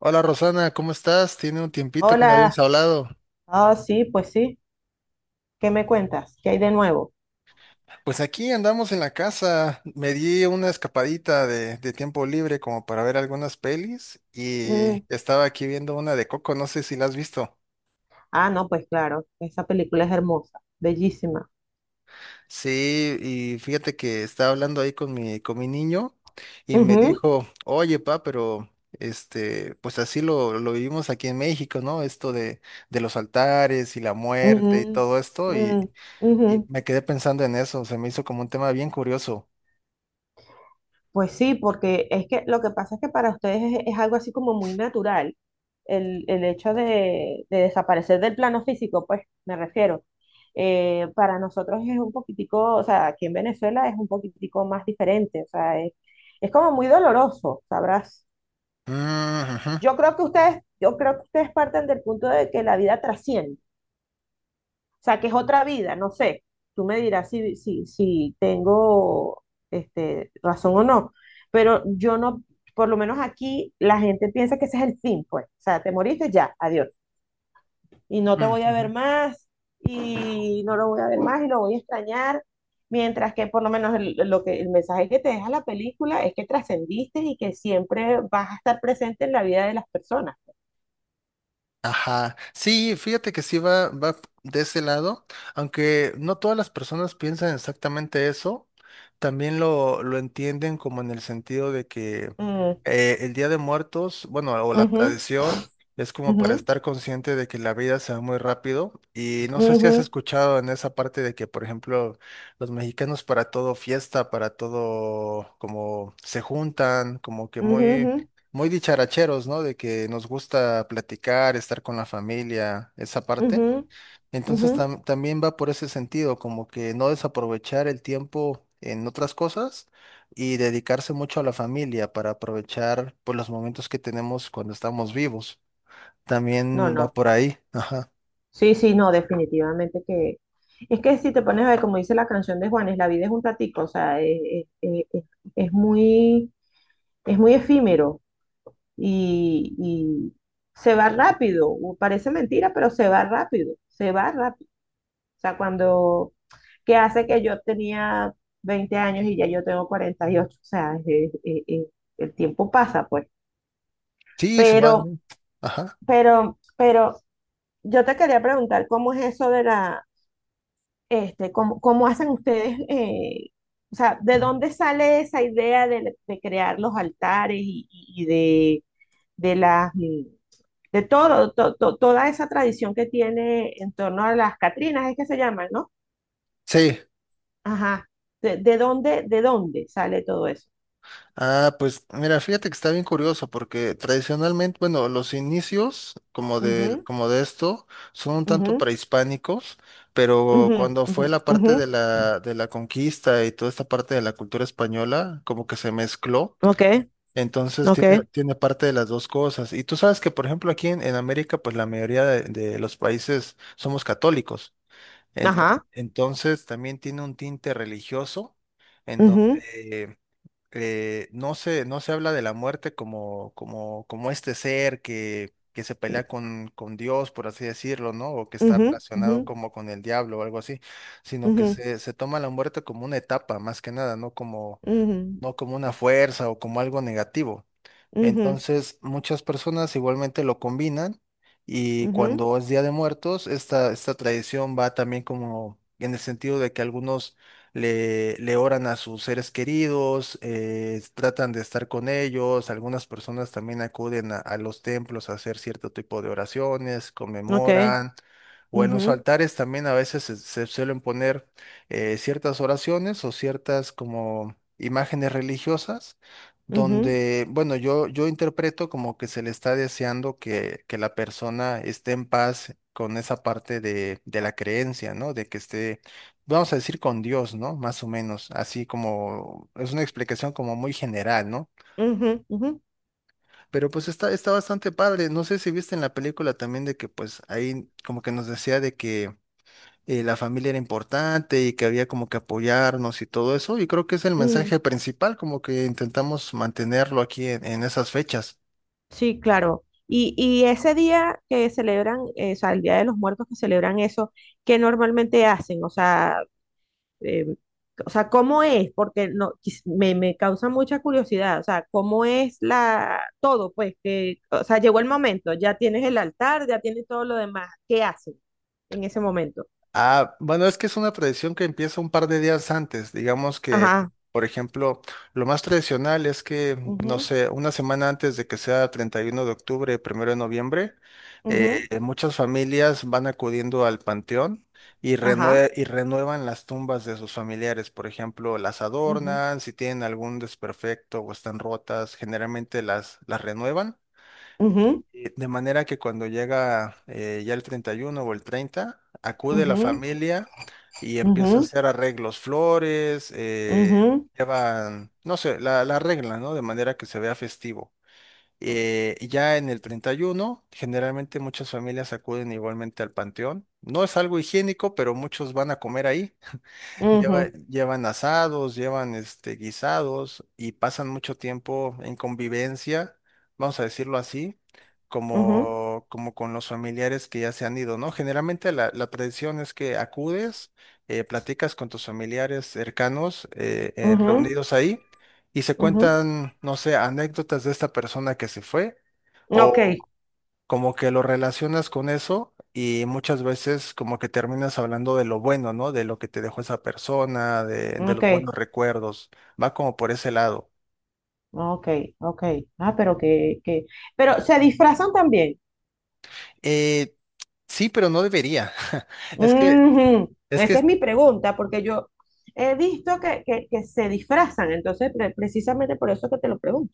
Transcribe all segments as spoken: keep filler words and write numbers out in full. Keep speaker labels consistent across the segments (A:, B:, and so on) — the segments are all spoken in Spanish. A: Hola Rosana, ¿cómo estás? Tiene un tiempito que no habíamos
B: Hola,
A: hablado.
B: ah, sí, pues sí, ¿qué me cuentas? ¿Qué hay de nuevo?
A: Pues aquí andamos en la casa. Me di una escapadita de, de tiempo libre como para ver algunas pelis
B: Mm.
A: y estaba aquí viendo una de Coco, no sé si la has visto.
B: Ah, no, pues claro, esa película es hermosa, bellísima.
A: Sí, y fíjate que estaba hablando ahí con mi, con mi niño y me
B: Ujú,
A: dijo, oye pa, pero este, pues así lo, lo vivimos aquí en México, ¿no? Esto de, de los altares y la muerte y
B: ujú,
A: todo esto.
B: mm,
A: Y, Y
B: ujú.
A: me quedé pensando en eso, se me hizo como un tema bien curioso.
B: Pues sí, porque es que lo que pasa es que para ustedes es, es algo así como muy natural el, el hecho de, de desaparecer del plano físico, pues me refiero. Eh, para nosotros es un poquitico, o sea, aquí en Venezuela es un poquitico más diferente, o sea, es, es como muy doloroso, sabrás.
A: Mm, ujú,
B: Yo creo que ustedes, yo creo que ustedes parten del punto de que la vida trasciende, o sea, que es otra vida, no sé. Tú me dirás si, si, si tengo este, razón o no, pero yo no, por lo menos aquí la gente piensa que ese es el fin, pues, o sea, te moriste ya, adiós, y no te
A: mm,
B: voy a
A: ujú.
B: ver más, y no lo voy a ver más, y lo voy a extrañar, mientras que por lo menos el, lo que, el mensaje que te deja la película es que trascendiste y que siempre vas a estar presente en la vida de las personas.
A: Ajá, sí, fíjate que sí va, va de ese lado, aunque no todas las personas piensan exactamente eso, también lo, lo entienden como en el sentido de que
B: Mm,
A: eh, el Día de Muertos, bueno, o la
B: ujú.
A: tradición, es como para
B: Ujú,
A: estar consciente de que la vida se va muy rápido y no sé si has
B: ujú,
A: escuchado en esa parte de que, por ejemplo, los mexicanos para todo fiesta, para todo como se juntan, como que
B: ujú,
A: muy
B: ujú,
A: muy dicharacheros, ¿no? De que nos gusta platicar, estar con la familia, esa parte.
B: ujú, ujú.
A: Entonces tam- también va por ese sentido, como que no desaprovechar el tiempo en otras cosas y dedicarse mucho a la familia para aprovechar pues, los momentos que tenemos cuando estamos vivos.
B: No,
A: También va
B: no.
A: por ahí. Ajá.
B: Sí, sí, no, definitivamente que... Es que si te pones a ver, como dice la canción de Juanes, la vida es un ratico, o sea, eh, eh, eh, es, muy, es muy efímero y, y se va rápido. u- Parece mentira, pero se va rápido, se va rápido. O sea, cuando... que hace que yo tenía veinte años y ya yo tengo cuarenta y ocho, o sea, es- es- es- es- el tiempo pasa, pues.
A: Sí, se va,
B: Pero,
A: ¿no? Ajá.
B: pero, pero yo te quería preguntar cómo es eso de la, este, cómo, cómo hacen ustedes, eh, o sea, ¿de dónde sale esa idea de, de crear los altares y, y de, de las, mm, de todo, to- to- toda esa tradición que tiene en torno a las Catrinas, es que se llaman, ¿no?
A: Sí.
B: Ajá. ¿De, de dónde, de dónde sale todo eso?
A: Ah, pues mira, fíjate que está bien curioso porque tradicionalmente, bueno, los inicios como de,
B: Ujú,
A: como de esto son un tanto
B: ujú,
A: prehispánicos, pero
B: ujú,
A: cuando
B: ujú,
A: fue la
B: ujú.
A: parte de la, de la conquista y toda esta parte de la cultura española, como que se mezcló,
B: Ok,
A: entonces tiene,
B: ok,
A: tiene parte de las dos cosas. Y tú sabes que, por ejemplo, aquí en, en América, pues la mayoría de, de los países somos católicos. Ento-
B: ajá.
A: entonces también tiene un tinte religioso en
B: Ujú.
A: donde eh, no se, no se habla de la muerte como, como, como este ser que, que se pelea con, con Dios, por así decirlo, ¿no? O que está
B: Ujú,
A: relacionado
B: ujú,
A: como con el diablo o algo así, sino que
B: ujú,
A: se, se toma la muerte como una etapa, más que nada, no como,
B: ujú,
A: no como una fuerza o como algo negativo.
B: ujú,
A: Entonces, muchas personas igualmente lo combinan y
B: ujú,
A: cuando es Día de Muertos, esta, esta tradición va también como en el sentido de que algunos le, le oran a sus seres queridos, eh, tratan de estar con ellos, algunas personas también acuden a, a los templos a hacer cierto tipo de oraciones,
B: ok,
A: conmemoran. O en los
B: ujú,
A: altares también a veces se, se suelen poner eh, ciertas oraciones o ciertas como imágenes religiosas
B: ujú,
A: donde, bueno, yo, yo interpreto como que se le está deseando que, que la persona esté en paz con esa parte de, de la creencia, ¿no? De que esté, vamos a decir, con Dios, ¿no? Más o menos, así como, es una explicación como muy general, ¿no?
B: ujú, ujú,
A: Pero pues está, está bastante padre. No sé si viste en la película también de que pues ahí como que nos decía de que eh, la familia era importante y que había como que apoyarnos y todo eso, y creo que es el
B: ujú.
A: mensaje principal, como que intentamos mantenerlo aquí en en esas fechas.
B: Sí, claro. Y, y ese día que celebran, eh, o sea, el Día de los Muertos que celebran eso, ¿qué normalmente hacen? O sea, eh, o sea, ¿cómo es? Porque no, quis- me, me causa mucha curiosidad. O sea, ¿cómo es la todo? Pues que, o sea, llegó el momento, ya tienes el altar, ya tienes todo lo demás. ¿Qué hacen en ese momento?
A: Ah, bueno, es que es una tradición que empieza un par de días antes. Digamos que,
B: Ajá.
A: por ejemplo, lo más tradicional es que, no
B: Ujú,
A: sé, una semana antes de que sea treinta y uno de octubre, primero de noviembre, eh,
B: ujú,
A: muchas familias van acudiendo al panteón y,
B: ajá,
A: renue- y renuevan las tumbas de sus familiares. Por ejemplo, las
B: ujú,
A: adornan, si tienen algún desperfecto o están rotas, generalmente las, las renuevan.
B: ujú,
A: Eh, De manera que cuando llega eh, ya el treinta y uno o el treinta, acude la
B: ujú,
A: familia y empieza a
B: ujú,
A: hacer arreglos, flores, eh,
B: ujú,
A: llevan, no sé, la, la arreglan, ¿no? De manera que se vea festivo. Eh, y ya en el treinta y uno, generalmente muchas familias acuden igualmente al panteón. No es algo higiénico, pero muchos van a comer ahí. Lleva-
B: ujú,
A: llevan asados, llevan este, guisados y pasan mucho tiempo en convivencia, vamos a decirlo así,
B: ujú,
A: como, como con los familiares que ya se han ido, ¿no? Generalmente la, la tradición es que acudes, eh, platicas con tus familiares cercanos eh, eh,
B: ujú,
A: reunidos ahí y se
B: ujú.
A: cuentan, no sé, anécdotas de esta persona que se fue
B: Ok,
A: como que lo relacionas con eso y muchas veces como que terminas hablando de lo bueno, ¿no? De lo que te dejó esa persona, de, de
B: ok,
A: los buenos recuerdos. Va como por ese lado.
B: ok, ok. Ah, pero que, que, pero se disfrazan también.
A: Eh, sí, pero no debería. Es que,
B: Ujú.
A: es
B: Esa
A: que,
B: es mi pregunta, porque yo he visto que, que, que se disfrazan, entonces pre- precisamente por eso que te lo pregunto.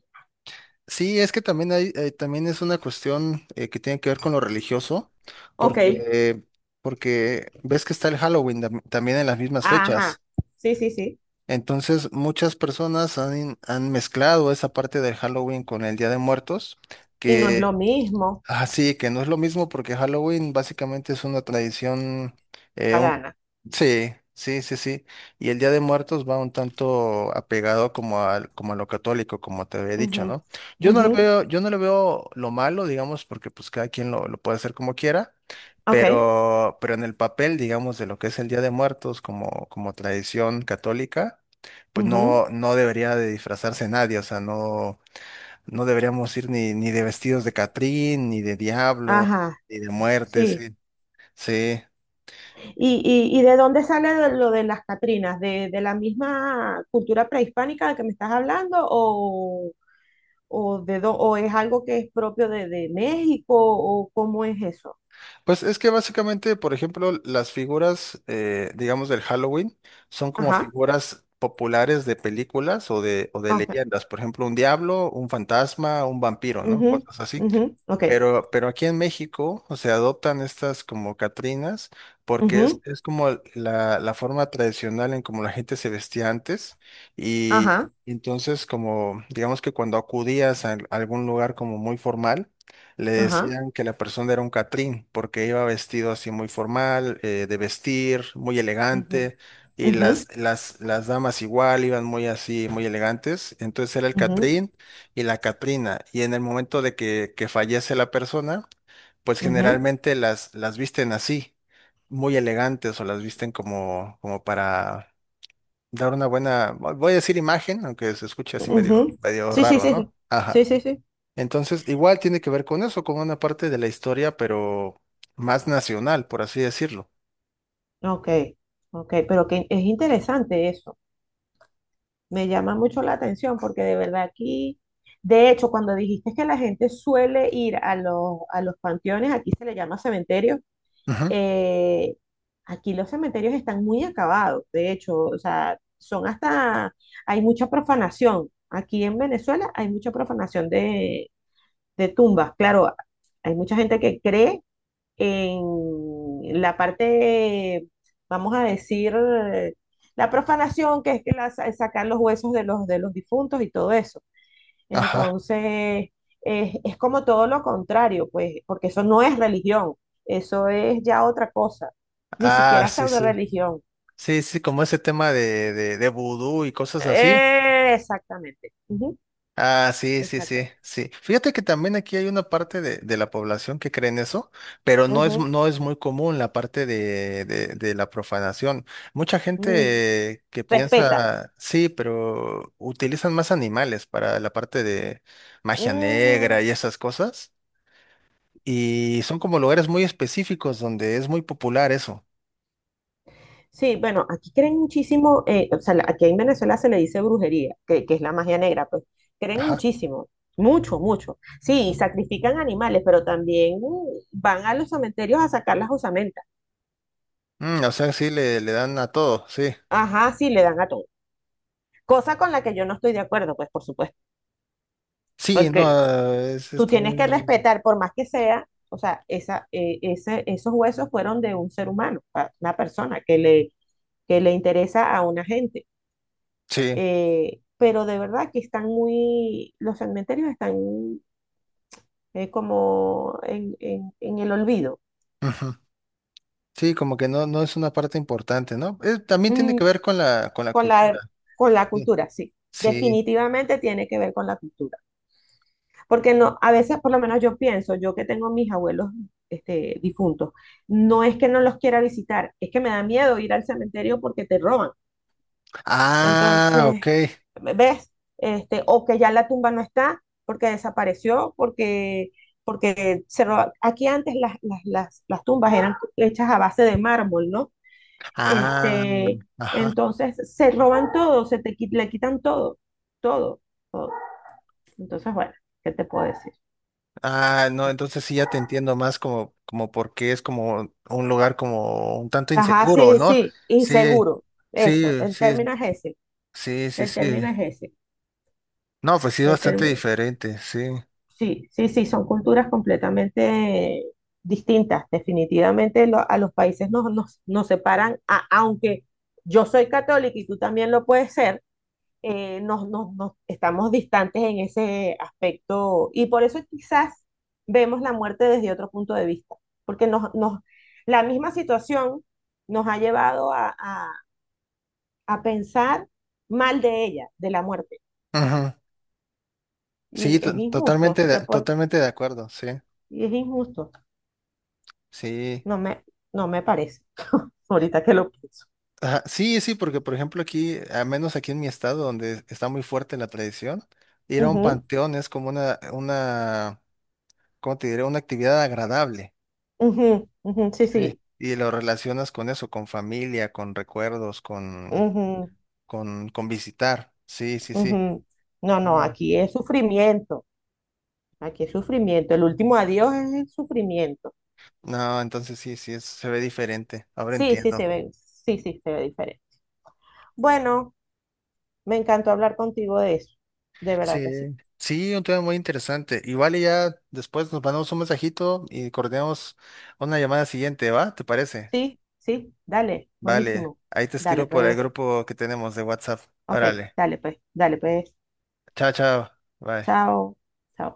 A: sí, es que también hay, eh, también es una cuestión eh, que tiene que ver con lo religioso,
B: Ok,
A: porque, porque ves que está el Halloween tam- también en las mismas
B: ajá,
A: fechas.
B: sí, sí, sí.
A: Entonces, muchas personas han, han mezclado esa parte del Halloween con el Día de Muertos,
B: Y no es
A: que
B: lo mismo,
A: así, que no es lo mismo porque Halloween básicamente es una tradición.
B: pagana.
A: Sí, sí, sí, sí. Y el Día de Muertos va un tanto apegado como al, como a lo católico, como te había dicho,
B: Ujú,
A: ¿no? Yo no lo
B: ujú,
A: veo, yo no le veo lo malo, digamos, porque pues cada quien lo, lo puede hacer como quiera,
B: ok,
A: pero, pero en el papel, digamos, de lo que es el Día de Muertos como, como tradición católica, pues
B: ujú,
A: no, no debería de disfrazarse nadie, o sea, no, no deberíamos ir ni, ni de vestidos de Catrín, ni de diablo,
B: ajá,
A: ni de muerte,
B: sí.
A: sí, sí.
B: ¿Y, y, y de dónde sale de- lo de las Catrinas? ¿De, de la misma cultura prehispánica de que me estás hablando? ¿O, o de dó- o es algo que es propio de, de México? ¿O cómo es eso?
A: Pues es que básicamente, por ejemplo, las figuras, eh, digamos, del Halloween son como
B: Ajá,
A: figuras populares de películas o de, o de
B: ah, ok.
A: leyendas. Por ejemplo, un diablo, un fantasma, un vampiro, ¿no?
B: Ujú,
A: Cosas así.
B: ujú, ok.
A: Pero, pero aquí en México, o sea, adoptan estas como Catrinas porque es,
B: Ujú,
A: es como el- la, la forma tradicional en como la gente se vestía antes y
B: ajá,
A: entonces como, digamos que cuando acudías a algún lugar como muy formal, le
B: ajá,
A: decían que la persona era un Catrín porque iba vestido así muy formal, eh, de vestir, muy
B: ujú,
A: elegante y
B: ujú,
A: las, las, las damas igual iban muy así, muy elegantes, entonces era el
B: ujú,
A: Catrín y la Catrina. Y en el momento de que, que fallece la persona, pues
B: ujú,
A: generalmente las, las visten así, muy elegantes o las visten como, como para dar una buena, vo- voy a decir imagen, aunque se escuche así medio,
B: ujú.
A: medio
B: Sí, sí,
A: raro,
B: sí.
A: ¿no?
B: Sí,
A: Ajá.
B: sí, sí, sí,
A: Entonces, igual tiene que ver con eso, con una parte de la historia, pero más nacional, por así decirlo.
B: ok, ok. Pero que es interesante eso. Me llama mucho la atención porque de verdad aquí, de hecho, cuando dijiste que la gente suele ir a los, a los panteones, aquí se le llama cementerio,
A: Ujú.
B: eh, aquí los cementerios están muy acabados, de hecho, o sea, son hasta, hay mucha profanación. Aquí en Venezuela hay mucha profanación de, de tumbas, claro, hay mucha gente que cree en la parte, vamos a decir, la profanación, que es que la, sacar los huesos de los, de los difuntos y todo eso.
A: Ajá.
B: Entonces, es, es como todo lo contrario, pues, porque eso no es religión, eso es ya otra cosa, ni
A: Ah,
B: siquiera
A: sí,
B: pseudo
A: sí.
B: religión.
A: Sí, sí, como ese tema de, de, de vudú y cosas así.
B: Eh, exactamente. Ujú,
A: Ah, sí, sí,
B: exacta-
A: sí, sí. Fíjate que también aquí hay una parte de, de la población que cree en eso, pero no es,
B: ujú,
A: no es muy común la parte de, de, de la profanación. Mucha
B: mm,
A: gente que
B: respeta.
A: piensa, sí, pero utilizan más animales para la parte de magia negra
B: Mm,
A: y esas cosas, y son como lugares muy específicos donde es muy popular eso.
B: sí, bueno, aquí creen muchísimo, eh, o sea, la- aquí en Venezuela se le dice brujería, que, que es la magia negra, pues creen
A: Ajá.
B: muchísimo, mucho, mucho. Sí, sacrifican animales, pero también uh, van a los cementerios a sacar las osamentas.
A: Mm, o sea, sí, le, le dan a todo, sí.
B: Ajá, sí, le dan a todo. Cosa con la que yo no estoy de acuerdo, pues por supuesto,
A: Sí, no,
B: porque
A: es, es
B: tú tienes que
A: también,
B: respetar, por más que sea, o sea, esa, eh, ese, esos huesos fueron de un ser humano, a una persona que le, que le interesa a una gente.
A: sí.
B: Eh, pero de verdad que están muy, los cementerios están eh, como en, en- en el olvido.
A: Sí, como que no, no es una parte importante, ¿no? Eh, también tiene
B: Mm,
A: que ver con la, con la
B: con la,
A: cultura.
B: con la
A: Sí.
B: cultura, sí.
A: Sí.
B: Definitivamente tiene que ver con la cultura. Porque no, a veces, por lo menos yo pienso, yo que tengo mis abuelos este, difuntos, no es que no los quiera visitar, es que me da miedo ir al cementerio porque te roban.
A: Ah,
B: Entonces,
A: ok.
B: ¿ves? Este, o que ya la tumba no está porque desapareció, porque, porque se roba- aquí antes las, las, las, las tumbas eran hechas a base de mármol, ¿no?
A: Ah,
B: Este,
A: ajá.
B: entonces se roban todo, se te, qui- le quitan todo, todo, todo. Entonces, bueno, ¿qué te puedo decir?
A: Ah, no, entonces sí ya te entiendo más como, como porque es como un lugar como un tanto
B: Ajá,
A: inseguro,
B: sí,
A: ¿no?
B: sí,
A: Sí,
B: inseguro. Eso,
A: sí,
B: el
A: sí,
B: término es ese.
A: sí, sí,
B: El
A: sí.
B: término es ese.
A: No, pues sí,
B: El
A: bastante
B: término.
A: diferente, sí.
B: Sí, sí, sí, son culturas completamente distintas. Definitivamente lo- a los países nos, nos, nos separan, a- aunque yo soy católica y tú también lo puedes ser, eh, nos, nos, nos- estamos distantes en ese aspecto y por eso quizás vemos la muerte desde otro punto de vista, porque nos, nos, la misma situación nos ha llevado a, a, a pensar mal de ella, de la muerte,
A: Ujú. Sí,
B: y es
A: to-
B: injusto,
A: totalmente
B: si te
A: de-
B: pon-
A: totalmente de acuerdo, sí,
B: y es injusto.
A: sí.
B: No me, no me parece. Ahorita que lo pienso.
A: Ajá, sí, sí, porque por ejemplo aquí, al menos aquí en mi estado, donde está muy fuerte la tradición, ir a un
B: Ujú,
A: panteón es como una, una, ¿cómo te diré? Una actividad agradable.
B: ujú, ujú, sí, sí,
A: Sí. Y lo relacionas con eso, con familia, con recuerdos, con,
B: ujú,
A: con, con visitar. Sí, sí, sí.
B: ujú. No, no,
A: Bien.
B: aquí es sufrimiento. Aquí es sufrimiento. El último adiós es el sufrimiento.
A: No, entonces sí, sí, es- se ve diferente. Ahora
B: Sí, sí,
A: entiendo.
B: se ve. Sí, sí, se ve diferente. Bueno, me encantó hablar contigo de eso. De
A: Sí.
B: verdad que sí.
A: Sí, un tema muy interesante. Igual y ya después nos mandamos un mensajito y coordinamos una llamada siguiente, ¿va? ¿Te parece?
B: Sí, sí, dale.
A: Vale,
B: Buenísimo.
A: ahí te
B: Dale,
A: escribo por el
B: pues.
A: grupo que tenemos de WhatsApp.
B: Ok,
A: Órale.
B: dale, pues. Dale, pues.
A: Chao, chao. Bye.
B: Chao. Chao.